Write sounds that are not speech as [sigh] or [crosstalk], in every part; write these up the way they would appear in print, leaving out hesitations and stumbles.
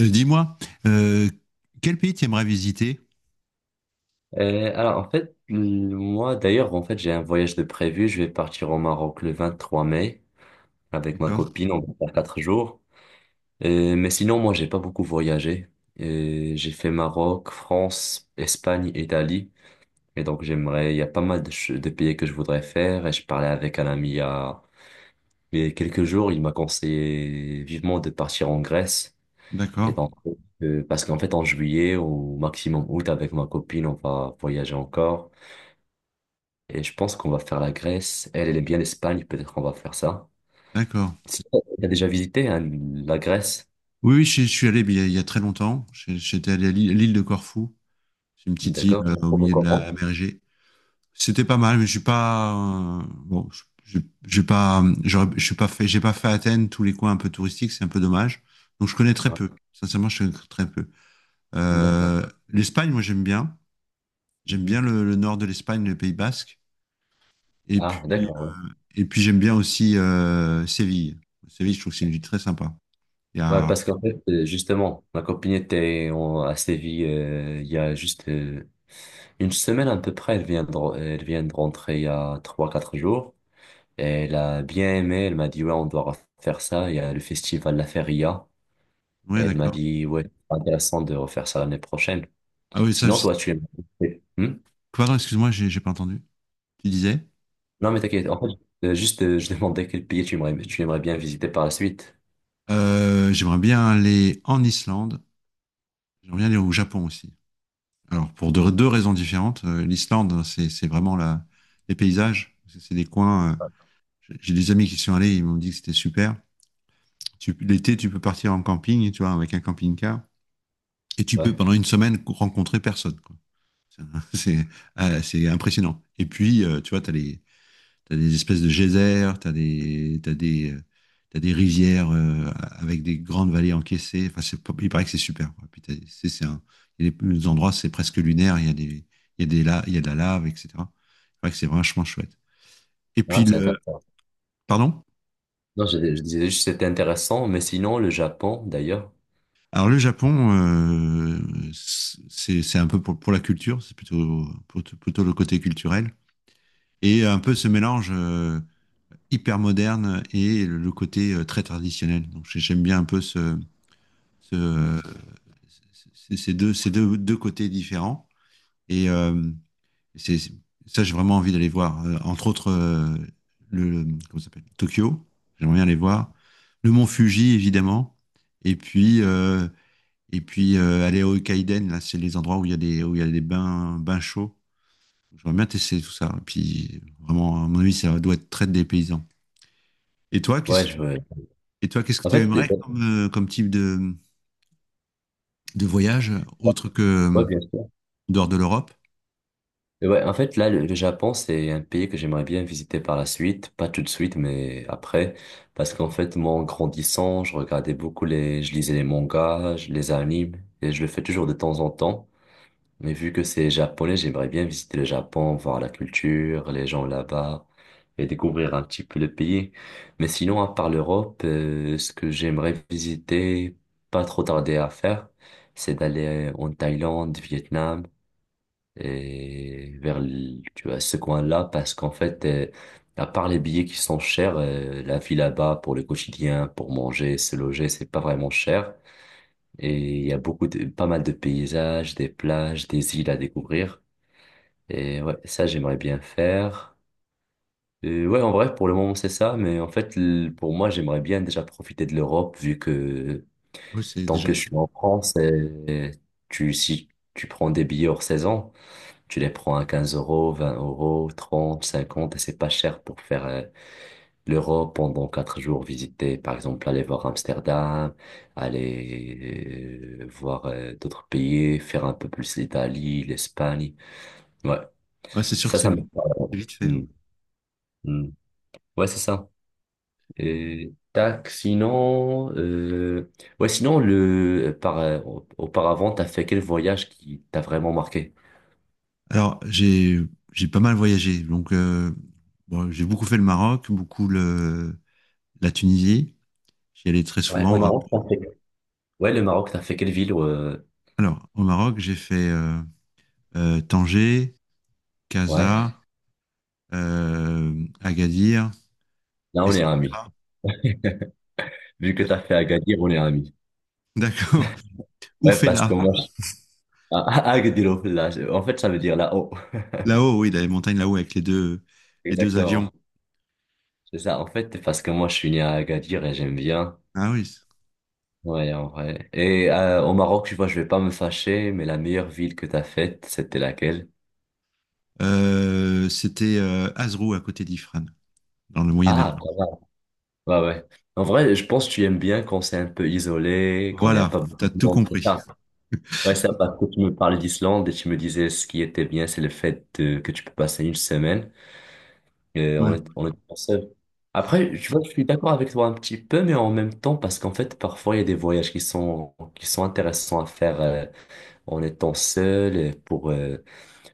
Dis-moi, euh, quel pays tu aimerais visiter? Alors en fait, moi d'ailleurs, en fait, j'ai un voyage de prévu. Je vais partir au Maroc le 23 mai avec ma D'accord, copine. On va faire quatre jours. Mais sinon, moi, j'ai pas beaucoup voyagé. J'ai fait Maroc, France, Espagne, Italie. Et donc j'aimerais, il y a pas mal de pays que je voudrais faire. Et je parlais avec un ami il y a quelques jours. Il m'a conseillé vivement de partir en Grèce. Et d'accord, donc parce qu'en fait, en juillet au maximum août, avec ma copine, on va voyager encore. Et je pense qu'on va faire la Grèce. Elle, elle est bien l'Espagne, peut-être qu'on va faire ça. d'accord. Si tu as déjà visité, hein, la Grèce? Oui, oui, je suis allé mais il y a très longtemps. J'étais allé à l'île de Corfou. C'est une petite île D'accord? Au On peut milieu de la mer Égée. C'était pas mal, mais je suis pas bon. J'ai pas, je suis pas fait, j'ai pas fait Athènes, tous les coins un peu touristiques, c'est un peu dommage. Donc je connais très Ouais. peu. Sincèrement, je connais très peu. D'accord. L'Espagne, moi j'aime bien. J'aime bien Mhm. Le nord de l'Espagne, le Pays Basque. Et Ah, puis d'accord. Ouais. et puis j'aime bien aussi Séville. Séville, je trouve que c'est une ville très sympa. Il y Ouais, a... parce qu'en fait, justement, ma copine était à Séville il y a juste une semaine à peu près. Elle vient de rentrer il y a trois quatre jours. Et elle a bien aimé. Elle m'a dit, ouais, on doit refaire ça. Il y a le festival La Feria. Et Ouais, elle m'a d'accord. dit, ouais, c'est intéressant de refaire ça l'année prochaine. Ah oui, ça, Sinon, toi, tu aimerais… pardon, excuse-moi, j'ai pas entendu. Tu disais? Non, mais t'inquiète. En fait, juste, je demandais quel pays tu aimerais bien visiter par la suite. J'aimerais bien aller en Islande. J'aimerais bien aller au Japon aussi. Alors, pour deux raisons différentes. L'Islande, c'est vraiment les paysages. C'est des coins. J'ai des amis qui sont allés, ils m'ont dit que c'était super. L'été, tu peux partir en camping, tu vois, avec un camping-car. Et tu peux, Ouais. pendant une semaine, rencontrer personne, quoi. C'est [laughs] ah, c'est impressionnant. Et puis, tu vois, tu as, t'as des espèces de geysers, tu as t'as des rivières avec des grandes vallées encaissées. Enfin, c'est pas- il paraît que c'est super. Quoi. Puis il y a des endroits, c'est presque lunaire. Il y a il y a des il y a de la lave, etc. C'est vrai que c'est vachement chouette. Et puis, Ah, c'est intéressant. pardon? Non, je disais juste que c'était intéressant, mais sinon, le Japon, d'ailleurs. Alors, le Japon, c'est un peu pour la culture, c'est plutôt le côté culturel. Et un peu ce mélange. Hyper moderne et côté très traditionnel. Donc j'aime bien un peu ce, euh, Hmm. Ces deux côtés différents. Et c'est, c'est- ça, j'ai vraiment envie d'aller voir. Entre autres, le, le- comment ça s'appelle? Tokyo, j'aimerais bien aller voir. Le mont Fuji, évidemment. Et puis, aller au Kaiden, là, c'est les endroits où il y a où il y a des bains chauds. J'aimerais bien tester tout ça. Et puis, vraiment, à mon avis, ça doit être très dépaysant. Et toi, Ouais, qu'est-ce je veux… Et toi, qu'est-ce que En tu fait, aimerais comme, comme type de voyage autre que ouais, bien sûr. dehors de l'Europe? Et ouais, en fait, là, le Japon, c'est un pays que j'aimerais bien visiter par la suite. Pas tout de suite, mais après. Parce qu'en fait, moi, en grandissant, je regardais beaucoup les… Je lisais les mangas, les animes, et je le fais toujours de temps en temps. Mais vu que c'est japonais, j'aimerais bien visiter le Japon, voir la culture, les gens là-bas et découvrir un petit peu le pays. Mais sinon, à part l'Europe, ce que j'aimerais visiter, pas trop tarder à faire, c'est d'aller en Thaïlande, Vietnam et vers tu vois, ce coin-là parce qu'en fait, à part les billets qui sont chers, la vie là-bas pour le quotidien, pour manger, se loger, c'est pas vraiment cher. Et il y a beaucoup de, pas mal de paysages, des plages, des îles à découvrir. Et ouais, ça, j'aimerais bien faire. Et ouais, en vrai, pour le moment, c'est ça. Mais en fait, pour moi, j'aimerais bien déjà profiter de l'Europe, vu que Oui, c'est tant déjà. que je suis en France, et si tu prends des billets hors saison, tu les prends à 15 euros, 20 euros, 30 50 et c'est pas cher pour faire l'Europe pendant quatre jours, visiter, par exemple, aller voir Amsterdam, aller voir d'autres pays, faire un peu plus l'Italie, l'Espagne. Ouais, Ouais, c'est sûr que ça, ça me… c'est vite fait. Hmm. Hein. Hmm. Ouais, c'est ça. Tac, sinon, ouais, sinon, auparavant, t'as fait quel voyage qui t'a vraiment marqué? Alors, j'ai pas mal voyagé. Donc, bon, j'ai beaucoup fait le Maroc, beaucoup la Tunisie. J'y allais très Ouais, souvent. au Ouais. Maroc, t'as fait. Ouais, le Maroc, t'as fait quelle ville? Alors, au Maroc, j'ai fait Tanger, Ouais, Casa, Agadir, là, on est amis. Essaouira. Vu que t'as fait Agadir, on est amis. [laughs] D'accord. Ouais, parce que Oufella. moi, je… Ah, ah, Agadir, là, en fait, ça veut dire là-haut. Là-haut, oui, dans les montagnes là-haut avec [laughs] les deux avions. Exactement. C'est ça. En fait, parce que moi, je suis né à Agadir et j'aime bien. Ah oui. Ouais, en vrai. Et au Maroc, tu vois, je vais pas me fâcher, mais la meilleure ville que t'as faite, c'était laquelle? C'était Azrou à côté d'Ifrane dans le Moyen-Atlas. Ah, ouais, ouais. En vrai, je pense que tu aimes bien quand c'est un peu isolé, quand il n'y a Voilà, pas beaucoup t'as de tout monde, c'est compris. ça. Ouais, ça, parce que tu me parlais d'Islande et tu me disais ce qui était bien, c'est le fait que tu peux passer une semaine et on est, Ouais. on est pas seul. Après, tu vois, je suis d'accord avec toi un petit peu, mais en même temps, parce qu'en fait, parfois, il y a des voyages qui sont intéressants à faire en étant seul pour,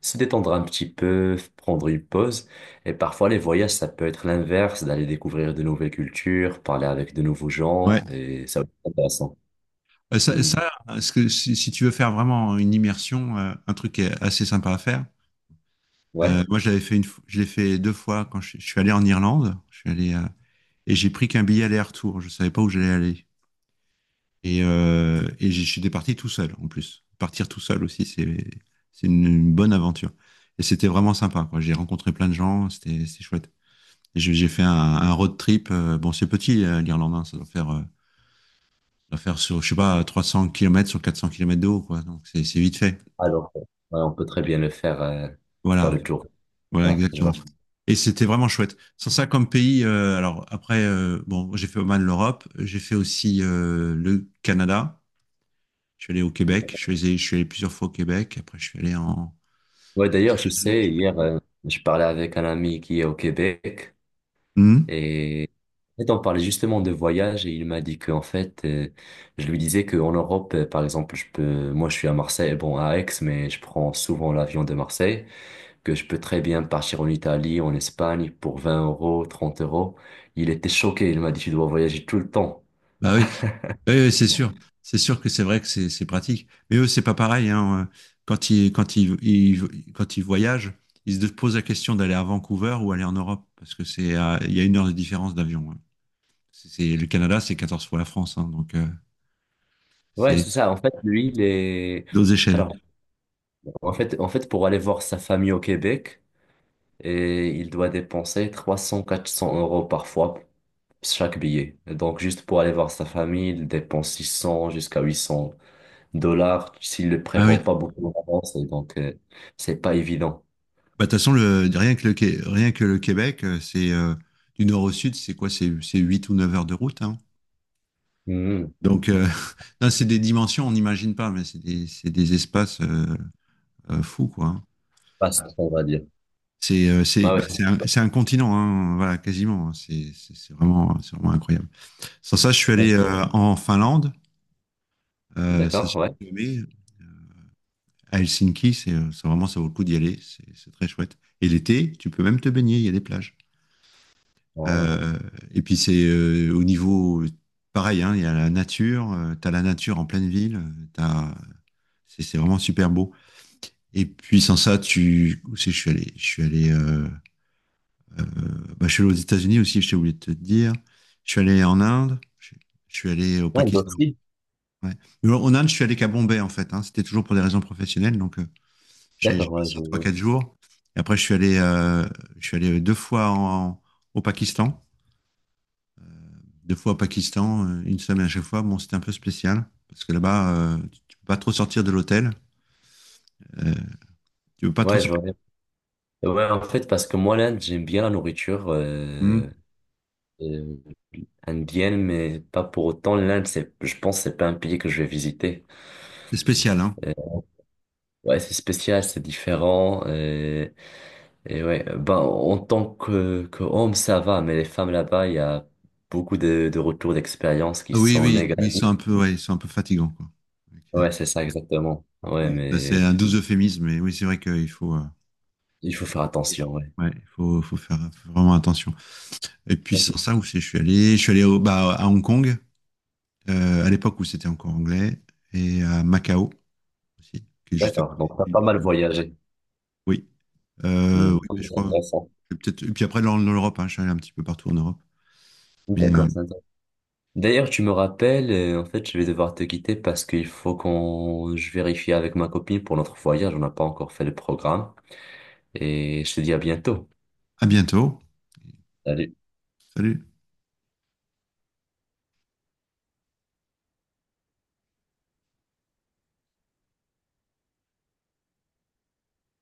se détendre un petit peu, prendre une pause. Et parfois, les voyages, ça peut être l'inverse, d'aller découvrir de nouvelles cultures, parler avec de nouveaux Ouais. gens, et ça va être intéressant. Ça, Hmm. ça, ce que, si, Si tu veux faire vraiment une immersion, un truc qui est assez sympa à faire. Ouais, Moi, je l'ai fait deux fois quand je suis allé en Irlande. Je suis allé à- Et j'ai pris qu'un billet aller-retour. Je savais pas où j'allais aller. Et je suis parti tout seul en plus. Partir tout seul aussi, c'est une bonne aventure. Et c'était vraiment sympa, quoi. J'ai rencontré plein de gens, c'est chouette. Et j'ai fait un road trip. Bon, c'est petit, l'Irlande, hein, ça doit faire sur, je sais pas, 300 kilomètres sur 400 kilomètres de haut, quoi. Donc c'est vite fait. alors, ouais, on peut très bien le faire, faire Voilà, le tour. voilà Ouais, je exactement. vois. Et c'était vraiment chouette. Sans ça, comme pays, bon, j'ai fait pas mal l'Europe, j'ai fait aussi le Canada. Je suis allé au Québec, je suis allé plusieurs fois au Québec, après je suis allé en... Ouais, aux d'ailleurs, je États-Unis. sais, hier, je parlais avec un ami qui est au Québec, Mhm. et, et on parlait justement de voyage, et il m'a dit qu'en fait, je lui disais qu'en Europe, par exemple, je peux, moi, je suis à Marseille, bon, à Aix, mais je prends souvent l'avion de Marseille. Que je peux très bien partir en Italie, en Espagne pour 20 euros, 30 euros. Il était choqué, il m'a dit, tu dois voyager tout le temps. Bah oui, oui, oui, c'est sûr. C'est sûr que c'est vrai que c'est pratique. Mais eux, c'est pas pareil, hein. Quand quand ils voyagent, ils se posent la question d'aller à Vancouver ou aller en Europe, parce que il y a une heure de différence d'avion. Hein. Le Canada, c'est 14 fois la France, hein, donc Ouais, c'est c'est ça. En fait, lui, il est… d'autres échelles. Alors, en fait, pour aller voir sa famille au Québec, et il doit dépenser 300, 400 € parfois chaque billet. Et donc, juste pour aller voir sa famille, il dépense 600 jusqu'à 800 $ s'il ne le Ah oui. prévoit pas beaucoup en avance. Et donc, c'est pas évident. Bah, de toute façon, le, rien que le, Qué- rien que le Québec, c'est du nord au sud, c'est quoi? C'est 8 ou 9 heures de route, hein. Mhm. Donc, [laughs] non, c'est des dimensions, on n'imagine pas, mais c'est des espaces fous, quoi. Hein. Pas ça, on va dire. Ouais, C'est un continent, hein, voilà, quasiment. C'est vraiment incroyable. Sans ça, je suis ouais, allé c'est- en Finlande, ça d'accord, se ouais. fait aimer. À Helsinki, c'est vraiment, ça vaut le coup d'y aller, c'est très chouette. Et l'été, tu peux même te baigner, il y a des plages. Ah, Euh, et puis, c'est au niveau, pareil, hein, il y a la nature, tu as la nature en pleine ville, c'est vraiment super beau. Et puis sans ça, tu où c'est que je suis allé, euh, bah, je suis allé aux États-Unis aussi. Je t'ai oublié de te dire. Je suis allé en Inde. Je suis allé au ah, l'Inde Pakistan. aussi. Ouais. Mais en Inde, je suis allé qu'à Bombay en fait. Hein. C'était toujours pour des raisons professionnelles. Donc j'ai D'accord, ouais, je passé trois vois. quatre jours. Et après, je suis allé deux fois en- au Pakistan. Deux fois au Pakistan, une semaine à chaque fois. Bon, c'était un peu spécial parce que là-bas, tu peux pas trop sortir de l'hôtel. Euh, tu peux pas trop Ouais, je vois sortir. bien. Ouais, en fait, parce que moi, l'Inde, j'aime bien la nourriture Hmm. euh, indienne, mais pas pour autant. L'Inde, c'est, je pense, que c'est pas un pays que je vais visiter. C'est spécial, hein. Euh, ouais, c'est spécial, c'est différent. Et ouais, ben, en tant que homme, ça va, mais les femmes là-bas, il y a beaucoup de retours d'expérience qui Ah oui, sont oui, oui, ils négatifs. sont un peu, ouais, ils sont un peu fatigants. Quoi. Donc, Ouais, c'est ça, exactement. Ouais, oui. bah, c'est mais un doux euphémisme, mais oui, c'est vrai qu'il faut, il faut faire attention, ouais. ouais, il faut, faut faire faut vraiment attention. Et puis sans ça, où c'est, je suis allé au, bah, à Hong Kong, à l'époque où c'était encore anglais, et à Macao aussi, qui est juste à D'accord, côté. donc t'as De l'île pas mal de Macao. voyagé. Oui, Hmm, oui, mais je c'est crois. intéressant. Je vais peut-être. Et puis après, dans l'Europe, hein, je suis allé un petit peu partout en Europe. Mais D'accord, c'est intéressant. D'ailleurs, tu me rappelles, en fait, je vais devoir te quitter parce qu'il faut qu'on, je vérifie avec ma copine pour notre voyage. On n'a pas encore fait le programme et je te dis à bientôt. à bientôt. Salut. Salut.